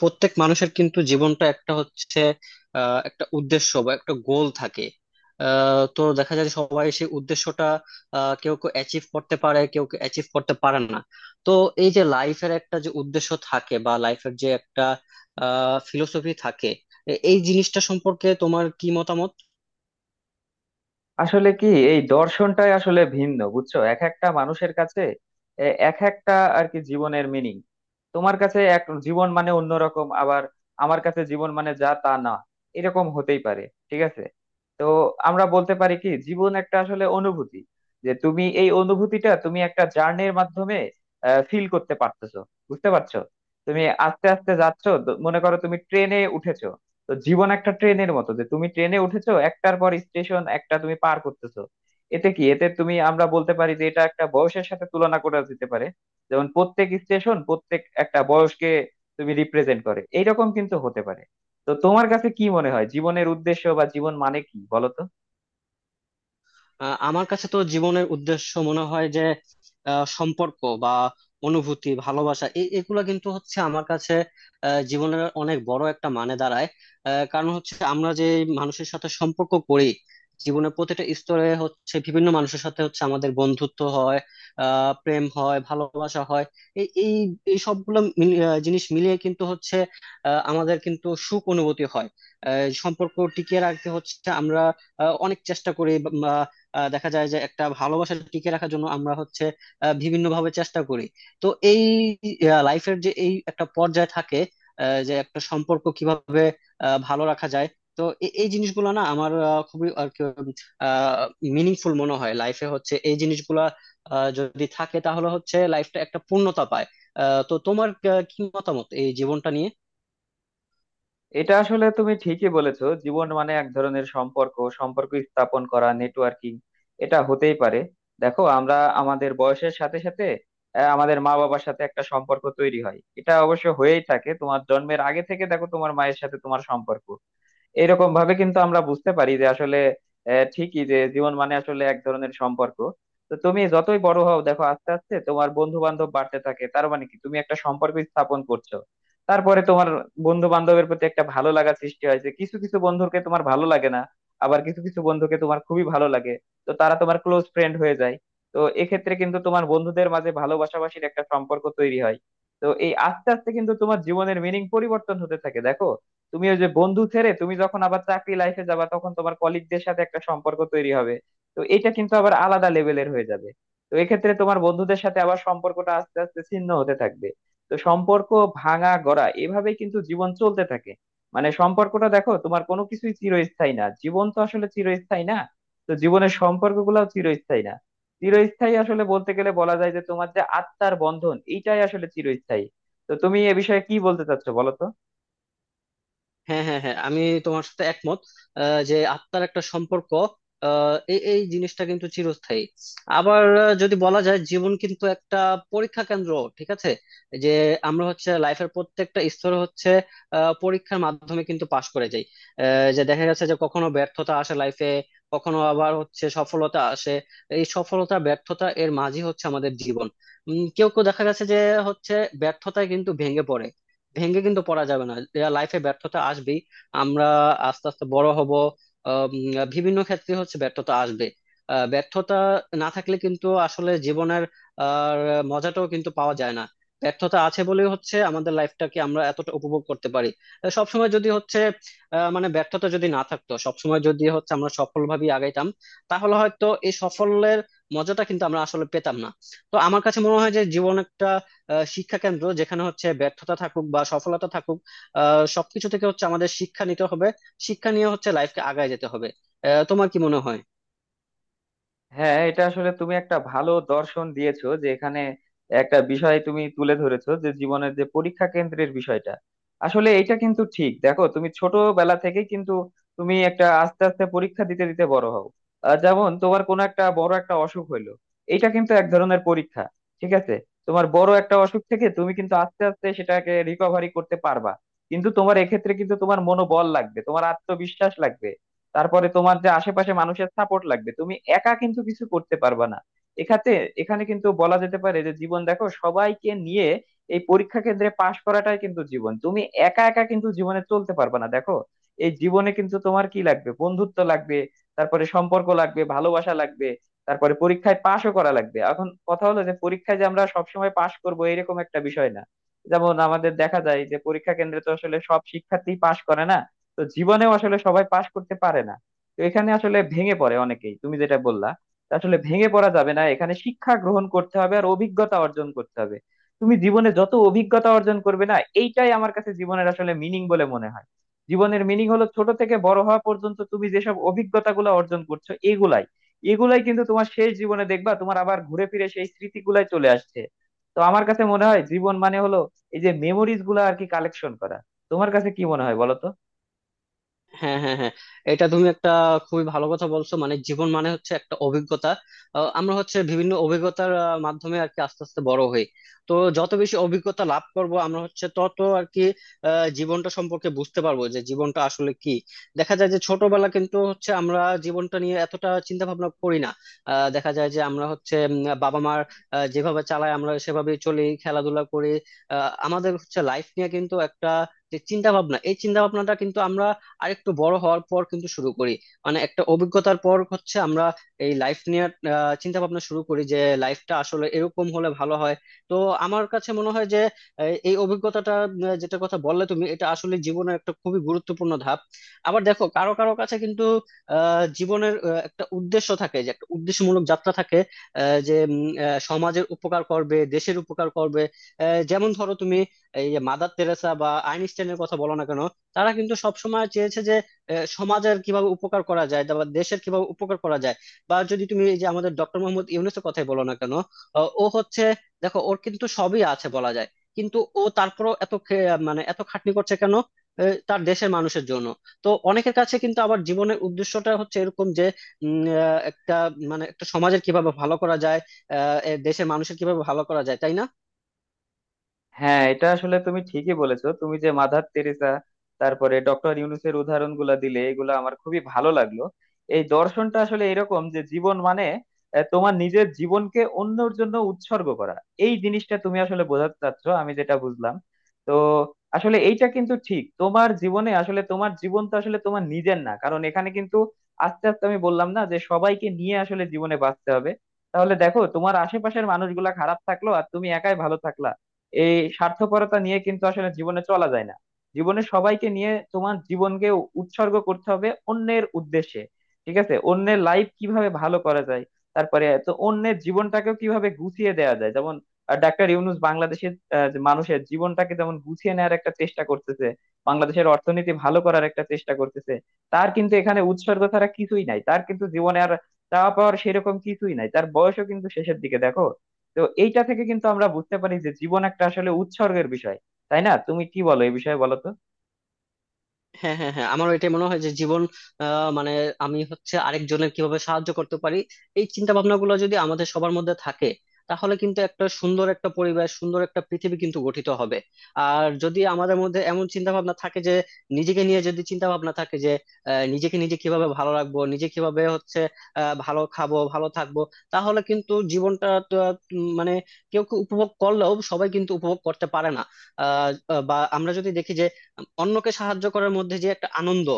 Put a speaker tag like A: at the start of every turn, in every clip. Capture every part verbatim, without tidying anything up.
A: প্রত্যেক মানুষের কিন্তু জীবনটা একটা হচ্ছে আহ, একটা উদ্দেশ্য বা একটা গোল থাকে। আহ, তো দেখা যায় যে সবাই সেই উদ্দেশ্যটা আহ, কেউ কেউ অ্যাচিভ করতে পারে, কেউ কেউ অ্যাচিভ করতে পারে না। তো এই যে লাইফের একটা যে উদ্দেশ্য থাকে বা লাইফের যে একটা ফিলোসফি থাকে, এ- এই জিনিসটা সম্পর্কে তোমার কি মতামত?
B: আসলে কি, এই দর্শনটাই আসলে ভিন্ন বুঝছো এক একটা মানুষের কাছে। এ, এক একটা আর কি জীবনের মিনিং। তোমার কাছে এক জীবন মানে অন্যরকম, আবার আমার কাছে জীবন মানে যা তা না। এরকম হতেই পারে। ঠিক আছে। তো আমরা বলতে পারি কি, জীবন একটা আসলে অনুভূতি, যে তুমি এই অনুভূতিটা তুমি একটা জার্নির মাধ্যমে ফিল করতে পারতেছো। বুঝতে পারছো? তুমি আস্তে আস্তে যাচ্ছো, দ- মনে করো তুমি ট্রেনে উঠেছো। তো জীবন একটা ট্রেনের মতো, যে তুমি ট্রেনে উঠেছো, একটার পর স্টেশন একটা তুমি পার করতেছো। এতে কি এতে তুমি আমরা বলতে পারি যে এটা একটা বয়সের সাথে তুলনা করা যেতে পারে। যেমন প্রত্যেক স্টেশন প্রত্যেক একটা বয়সকে তুমি রিপ্রেজেন্ট করে, এইরকম কিন্তু হতে পারে। তো তোমার কাছে কি মনে হয় জীবনের উদ্দেশ্য বা জীবন মানে কি বলো তো?
A: আহ, আমার কাছে তো জীবনের উদ্দেশ্য মনে হয় যে আহ, সম্পর্ক বা অনুভূতি, ভালোবাসা, এ- এগুলা কিন্তু হচ্ছে আমার কাছে আহ, জীবনের অনেক বড় একটা মানে দাঁড়ায়। আহ, কারণ হচ্ছে আমরা যে মানুষের সাথে সম্পর্ক করি, জীবনের প্রতিটা স্তরে হচ্ছে বিভিন্ন মানুষের সাথে হচ্ছে আমাদের বন্ধুত্ব হয়, আহ প্রেম হয়, ভালোবাসা হয়। এই এই এই সবগুলো মিলি- আহ, জিনিস মিলিয়ে কিন্তু হচ্ছে আহ, আমাদের কিন্তু সুখ অনুভূতি হয়। আহ, সম্পর্ক টিকিয়ে রাখতে হচ্ছে আমরা আহ, অনেক চেষ্টা করি। আহ দেখা যায় যে একটা ভালোবাসা টিকে রাখার জন্য আমরা হচ্ছে আহ বিভিন্ন ভাবে চেষ্টা করি। তো এই লাইফের যে এই একটা পর্যায় থাকে আহ যে একটা সম্পর্ক কিভাবে আহ ভালো রাখা যায়। তো এ- এই জিনিসগুলো না আমার আহ, খুবই আর কি মিনিংফুল মনে হয়, লাইফে হচ্ছে এই জিনিসগুলা আহ, যদি থাকে তাহলে হচ্ছে লাইফটা একটা পূর্ণতা পায়। আহ, তো তোমার আহ, কি মতামত এই জীবনটা নিয়ে?
B: এটা আসলে তুমি ঠিকই বলেছো, জীবন মানে এক ধরনের সম্পর্ক, সম্পর্ক স্থাপন করা, নেটওয়ার্কিং। এটা হতেই পারে। দেখো আমরা আমাদের বয়সের সাথে সাথে আহ, আমাদের মা বাবার সাথে একটা সম্পর্ক তৈরি হয়, এটা অবশ্য হয়েই থাকে তোমার জন্মের আগে থেকে, দেখো তোমার মায়ের সাথে তোমার সম্পর্ক। এরকম ভাবে কিন্তু আমরা বুঝতে পারি যে আসলে আহ, ঠিকই যে জীবন মানে আসলে এক ধরনের সম্পর্ক। তো তুমি যতই বড় হও দেখো, আস্তে আস্তে তোমার বন্ধু বান্ধব বাড়তে থাকে, তার মানে কি, তুমি একটা সম্পর্ক স্থাপন করছো। তারপরে তোমার বন্ধু বান্ধবের প্রতি একটা ভালো লাগা সৃষ্টি হয়, যে কিছু কিছু বন্ধুকে তোমার ভালো লাগে না, আবার কিছু কিছু বন্ধুকে তোমার খুবই ভালো লাগে। তো তারা তোমার ক্লোজ ফ্রেন্ড হয়ে যায়। তো এক্ষেত্রে কিন্তু তোমার বন্ধুদের মাঝে ভালোবাসাবাসির একটা সম্পর্ক তৈরি হয়। তো এই আস্তে আস্তে কিন্তু তোমার জীবনের মিনিং পরিবর্তন হতে থাকে, দেখো তুমি ওই যে বন্ধু ছেড়ে, তুমি যখন আবার চাকরি লাইফে যাবা, তখন তোমার কলিগদের সাথে একটা সম্পর্ক তৈরি হবে। তো এটা কিন্তু আবার আলাদা লেভেলের হয়ে যাবে। তো এক্ষেত্রে তোমার বন্ধুদের সাথে আবার সম্পর্কটা আস্তে আস্তে ছিন্ন হতে থাকবে। তো সম্পর্ক ভাঙা গড়া এভাবে কিন্তু জীবন চলতে থাকে। মানে সম্পর্কটা, দেখো তোমার কোনো কিছুই চিরস্থায়ী না, জীবন তো আসলে চিরস্থায়ী না, তো জীবনের সম্পর্কগুলোও চিরস্থায়ী না। চিরস্থায়ী আসলে বলতে গেলে বলা যায় যে তোমার যে আত্মার বন্ধন, এইটাই আসলে চিরস্থায়ী। তো তুমি এ বিষয়ে কি বলতে চাচ্ছো বলো তো?
A: হ্যাঁ, হ্যাঁ, হ্যাঁ, আমি তোমার সাথে একমত। আহ, যে আত্মার একটা সম্পর্ক, আহ, এই এই জিনিসটা কিন্তু চিরস্থায়ী। আবার আহ, যদি বলা যায় জীবন কিন্তু একটা পরীক্ষা কেন্দ্র, ঠিক আছে, যে আমরা হচ্ছে লাইফের প্রত্যেকটা স্তরে হচ্ছে আহ, পরীক্ষার মাধ্যমে কিন্তু পাশ করে যাই। আহ, যে দেখা যাচ্ছে যে কখনো ব্যর্থতা আসে লাইফে, কখনো আবার হচ্ছে সফলতা আসে। এই সফলতা ব্যর্থতা এর মাঝে হচ্ছে আমাদের জীবন। উম, কেউ কেউ দেখা গেছে যে হচ্ছে ব্যর্থতায় কিন্তু ভেঙে পড়ে। ভেঙে কিন্তু পড়া যাবে না, লাইফে ব্যর্থতা আসবেই। আমরা আস্তে আস্তে বড় হব, আহ, উম, বিভিন্ন ক্ষেত্রে হচ্ছে ব্যর্থতা আসবে। আহ, ব্যর্থতা না থাকলে কিন্তু আসলে জীবনের আর মজাটাও কিন্তু পাওয়া যায় না। ব্যর্থতা আছে বলেই হচ্ছে আমাদের লাইফটাকে আমরা এতটা উপভোগ করতে পারি। আহ, সবসময় যদি হচ্ছে আহ, মানে ব্যর্থতা যদি না থাকতো, সবসময় যদি হচ্ছে আমরা সফলভাবে আগাইতাম, তাহলে হয়তো এই সফলের মজাটা কিন্তু আমরা আসলে পেতাম না। তো আমার কাছে মনে হয় যে জীবন একটা আহ, শিক্ষা কেন্দ্র, যেখানে হচ্ছে ব্যর্থতা থাকুক বা সফলতা থাকুক, আহ সবকিছু থেকে হচ্ছে আমাদের শিক্ষা নিতে হবে। শিক্ষা নিয়ে হচ্ছে লাইফকে আগায় যেতে হবে। আহ তোমার কি মনে হয়?
B: হ্যাঁ, এটা আসলে তুমি একটা ভালো দর্শন দিয়েছো যে এখানে একটা বিষয় তুমি তুলে ধরেছো, যে জীবনের যে পরীক্ষা কেন্দ্রের বিষয়টা। আসলে এটা কিন্তু ঠিক, দেখো তুমি ছোটবেলা থেকে কিন্তু তুমি একটা আস্তে আস্তে পরীক্ষা দিতে দিতে বড় হও। আহ, যেমন তোমার কোনো একটা বড় একটা অসুখ হইলো, এটা কিন্তু এক ধরনের পরীক্ষা। ঠিক আছে। তোমার বড় একটা অসুখ থেকে তুমি কিন্তু আস্তে আস্তে সেটাকে রিকভারি করতে পারবা, কিন্তু তোমার এক্ষেত্রে কিন্তু তোমার মনোবল লাগবে, তোমার আত্মবিশ্বাস লাগবে। তারপরে তোমার যে আশেপাশে মানুষের সাপোর্ট লাগবে, তুমি একা কিন্তু কিছু করতে পারবা না। এখাতে এখানে কিন্তু বলা যেতে পারে যে জীবন দেখো সবাইকে নিয়ে, এই পরীক্ষা কেন্দ্রে পাশ করাটাই কিন্তু জীবন। তুমি একা একা কিন্তু জীবনে চলতে পারবা না, দেখো এই জীবনে কিন্তু তোমার কি লাগবে, বন্ধুত্ব লাগবে, তারপরে সম্পর্ক লাগবে, ভালোবাসা লাগবে, তারপরে পরীক্ষায় পাশও করা লাগবে। এখন কথা হলো যে পরীক্ষায় যে আমরা সবসময় পাশ করবো, এরকম একটা বিষয় না। যেমন আমাদের দেখা যায় যে পরীক্ষা কেন্দ্রে তো আসলে সব শিক্ষার্থী পাশ করে না, তো জীবনেও আসলে সবাই পাশ করতে পারে না। তো এখানে আসলে ভেঙে পড়ে অনেকেই, তুমি যেটা বললা, তা আসলে ভেঙে পড়া যাবে না, এখানে শিক্ষা গ্রহণ করতে হবে আর অভিজ্ঞতা অর্জন করতে হবে। তুমি জীবনে যত অভিজ্ঞতা অর্জন করবে না, এইটাই আমার কাছে জীবনের আসলে মিনিং বলে মনে হয়। জীবনের মিনিং হলো ছোট থেকে বড় হওয়া পর্যন্ত তুমি যেসব অভিজ্ঞতাগুলো অর্জন করছো, এগুলাই এগুলাই কিন্তু তোমার শেষ জীবনে দেখবা তোমার আবার ঘুরে ফিরে সেই স্মৃতিগুলাই চলে আসছে। তো আমার কাছে মনে হয় জীবন মানে হলো এই যে মেমোরিজ গুলো আর কি কালেকশন করা। তোমার কাছে কি মনে হয় বলো তো?
A: হ্যাঁ, হ্যাঁ, হ্যাঁ, এটা তুমি একটা খুবই ভালো কথা বলছো। মানে জীবন মানে হচ্ছে একটা অভিজ্ঞতা। আহ, আমরা হচ্ছে বিভিন্ন অভিজ্ঞতার আহ, মাধ্যমে আর কি আস্তে আস্তে বড় হই। তো যত বেশি অভিজ্ঞতা লাভ করব আমরা হচ্ছে তত আর কি আহ, জীবনটা সম্পর্কে বুঝতে পারবো যে জীবনটা আসলে কি। দেখা যায় যে ছোটবেলা কিন্তু হচ্ছে আমরা জীবনটা নিয়ে এতটা চিন্তা ভাবনা করি না। আহ, দেখা যায় যে আমরা হচ্ছে উম, বাবা মার আহ, যেভাবে চালায় আমরা সেভাবেই চলি, খেলাধুলা করি। আহ, আমাদের হচ্ছে লাইফ নিয়ে কিন্তু একটা যে চিন্তা ভাবনা, এই চিন্তা ভাবনাটা কিন্তু আমরা আর একটু বড় হওয়ার পর কিন্তু শুরু করি। মানে একটা অভিজ্ঞতার পর হচ্ছে আমরা এই লাইফ নিয়ে চিন্তা ভাবনা শুরু করি যে লাইফটা আসলে এরকম হলে ভালো হয়। তো আমার কাছে মনে হয় যে এই এই অভিজ্ঞতাটা আহ, যেটা কথা বললে তুমি, এটা আসলে জীবনের একটা খুবই গুরুত্বপূর্ণ ধাপ। আবার দেখো কারো কারো কাছে কিন্তু আহ জীবনের আহ, একটা উদ্দেশ্য থাকে, যে একটা উদ্দেশ্যমূলক যাত্রা থাকে, আহ, যে উম, আহ, সমাজের উপকার করবে, দেশের উপকার করবে। আহ, যেমন ধরো তুমি এই যে মাদার তেরেসা বা আইনস্টাইনের কথা বলো না কেন, তারা কিন্তু সবসময় চেয়েছে যে আহ, সমাজের কিভাবে উপকার করা যায় বা দেশের কিভাবে উপকার করা যায়। বা যদি তুমি এই যে আমাদের ডক্টর মোহাম্মদ ইউনূসের কথাই বলো না কেন, আহ, ও হচ্ছে, দেখো ওর কিন্তু সবই আছে বলা যায়, কিন্তু ও তারপরও এত খে- মানে এত খাটনি করছে কেন? আহ, তার দেশের মানুষের জন্য। তো অনেকের কাছে কিন্তু আবার জীবনের উদ্দেশ্যটা হচ্ছে এরকম যে উম, আহ, একটা মানে একটা সমাজের কিভাবে ভালো করা যায়, আহ, এ দেশের মানুষের কিভাবে ভালো করা যায়, তাই না?
B: হ্যাঁ, এটা আসলে তুমি ঠিকই বলেছো, তুমি যে মাদার তেরেসা তারপরে ডক্টর ইউনুসের উদাহরণ গুলা দিলে, এগুলো আমার খুবই ভালো লাগলো। এই দর্শনটা আসলে এরকম যে জীবন মানে আহ, তোমার নিজের জীবনকে অন্যের জন্য উৎসর্গ করা। এই জিনিসটা তুমি আসলে বোঝাতে চাচ্ছ, আমি যেটা বুঝলাম। তো আসলে এইটা কিন্তু ঠিক, তোমার জীবনে আসলে তোমার জীবন তো আসলে তোমার নিজের না, কারণ এখানে কিন্তু আস্তে আস্তে আমি বললাম না যে সবাইকে নিয়ে আসলে জীবনে বাঁচতে হবে। তাহলে দেখো, তোমার আশেপাশের মানুষগুলা খারাপ থাকলো আর তুমি একাই ভালো থাকলা, এই স্বার্থপরতা নিয়ে কিন্তু আসলে জীবনে চলা যায় না। জীবনে সবাইকে নিয়ে তোমার জীবনকে উৎসর্গ করতে হবে অন্যের উদ্দেশ্যে। ঠিক আছে? অন্যের লাইফ কিভাবে ভালো করা যায়, তারপরে তো অন্যের জীবনটাকেও কিভাবে গুছিয়ে দেওয়া যায়, যেমন আহ, ডাক্তার ইউনূস বাংলাদেশের আহ, যে মানুষের জীবনটাকে যেমন গুছিয়ে নেওয়ার একটা চেষ্টা করতেছে, বাংলাদেশের অর্থনীতি ভালো করার একটা চেষ্টা করতেছে। তার কিন্তু এখানে উৎসর্গ ছাড়া কিছুই নাই, তার কিন্তু জীবনে আর চাওয়া পাওয়ার সেরকম কিছুই নাই, তার বয়সও কিন্তু শেষের দিকে, দেখো। তো এইটা থেকে কিন্তু আমরা বুঝতে পারি যে জীবন একটা আসলে উৎসর্গের বিষয়। তাই না? তুমি কি বলো এই বিষয়ে বলো তো?
A: হ্যাঁ, হ্যাঁ, হ্যাঁ, আমারও এটাই মনে হয় যে জীবন, আহ, মানে আমি হচ্ছে আরেকজনের কিভাবে সাহায্য করতে পারি, এই চিন্তা ভাবনা গুলো যদি আমাদের সবার মধ্যে থাকে, তাহলে কিন্তু একটা সুন্দর একটা পরিবেশ, সুন্দর একটা পৃথিবী কিন্তু গঠিত হবে। আর যদি আমাদের মধ্যে এমন চিন্তা ভাবনা থাকে যে নিজেকে নিয়ে যদি চিন্তা ভাবনা থাকে যে আহ, নিজেকে নিজে কিভাবে ভালো রাখবো, নিজে কিভাবে হচ্ছে আহ, ভালো খাবো ভালো থাকবো, তাহলে কিন্তু জীবনটা তো, উম, মানে কেউ কেউ উপভোগ করলেও সবাই কিন্তু উপভোগ করতে পারে না। আহ, বা আমরা যদি দেখি যে অন্যকে সাহায্য করার মধ্যে যে একটা আনন্দ,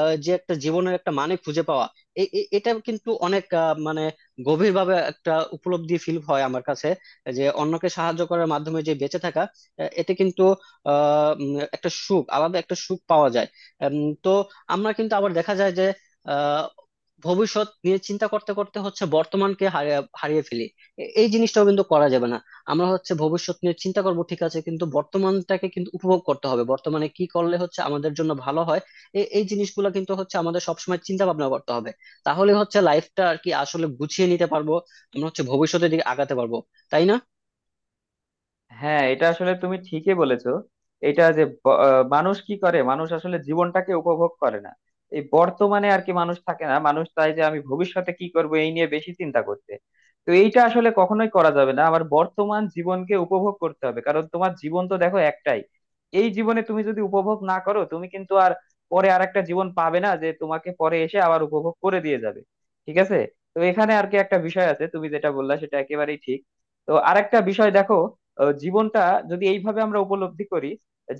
A: আহ, যে একটা জীবনের একটা মানে খুঁজে পাওয়া, এ- এ- এটা কিন্তু অনেক আহ, মানে গভীরভাবে একটা উপলব্ধি ফিল হয় আমার কাছে, যে অন্যকে সাহায্য করার মাধ্যমে যে বেঁচে থাকা, আহ, এতে কিন্তু আহ উম, একটা সুখ আলাদা একটা সুখ পাওয়া যায়। উম, তো আমরা কিন্তু আবার দেখা যায় যে আহ ভবিষ্যৎ নিয়ে চিন্তা করতে করতে হচ্ছে বর্তমানকে হারিয়ে হারিয়ে ফেলি। এ- এই জিনিসটাও কিন্তু করা যাবে না। আমরা হচ্ছে ভবিষ্যৎ নিয়ে চিন্তা করব, ঠিক আছে, কিন্তু বর্তমানটাকে কিন্তু উপভোগ করতে হবে, বর্তমানে কি করলে হচ্ছে আমাদের জন্য ভালো হয়, এ- এই জিনিসগুলো কিন্তু হচ্ছে আমাদের সবসময় চিন্তা ভাবনা করতে হবে। তাহলে হচ্ছে লাইফটা আর কি আসলে গুছিয়ে নিতে পারবো, আমরা হচ্ছে ভবিষ্যতের দিকে আগাতে পারবো, তাই না?
B: হ্যাঁ, এটা আসলে তুমি ঠিকই বলেছো। এটা যে ব- আহ, মানুষ কি করে, মানুষ আসলে জীবনটাকে উপভোগ করে না। এই বর্তমানে আর কি মানুষ থাকে না, মানুষ চায় যে আমি ভবিষ্যতে কি করব, এই নিয়ে বেশি চিন্তা করতে। তো এইটা আসলে কখনোই করা যাবে না, আমার বর্তমান জীবনকে উপভোগ করতে হবে, কারণ তোমার জীবন তো দেখো একটাই। এই জীবনে তুমি যদি উপভোগ না করো, তুমি কিন্তু আর পরে আর একটা জীবন পাবে না, যে তোমাকে পরে এসে আবার উপভোগ করে দিয়ে যাবে। ঠিক আছে। তো এখানে আর কি একটা বিষয় আছে, তুমি যেটা বললা সেটা একেবারেই ঠিক। তো আরেকটা বিষয় দেখো, আহ, জীবনটা যদি এইভাবে আমরা উপলব্ধি করি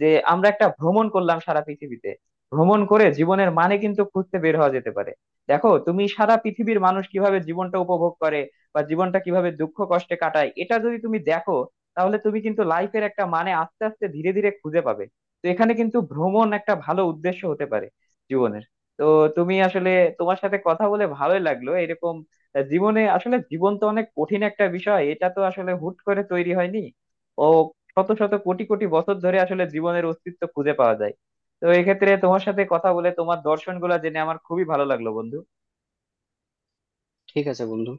B: যে আমরা একটা ভ্রমণ করলাম সারা পৃথিবীতে, ভ্রমণ করে জীবনের মানে কিন্তু খুঁজতে বের হওয়া যেতে পারে। দেখো তুমি সারা পৃথিবীর মানুষ কিভাবে জীবনটা উপভোগ করে বা জীবনটা কিভাবে দুঃখ কষ্টে কাটায়, এটা যদি তুমি দেখো, তাহলে তুমি কিন্তু লাইফের একটা মানে আস্তে আস্তে ধীরে ধীরে খুঁজে পাবে। তো এখানে কিন্তু ভ্রমণ একটা ভালো উদ্দেশ্য হতে পারে জীবনের। তো তুমি আসলে তোমার সাথে কথা বলে ভালোই লাগলো। এরকম জীবনে আসলে জীবন তো অনেক কঠিন একটা বিষয়, এটা তো আসলে হুট করে তৈরি হয়নি। ও শত শত কোটি কোটি বছর ধরে আসলে জীবনের অস্তিত্ব খুঁজে পাওয়া যায়। তো এক্ষেত্রে তোমার সাথে কথা বলে তোমার দর্শন গুলা জেনে আমার খুবই ভালো লাগলো, বন্ধু।
A: ঠিক আছে বন্ধু।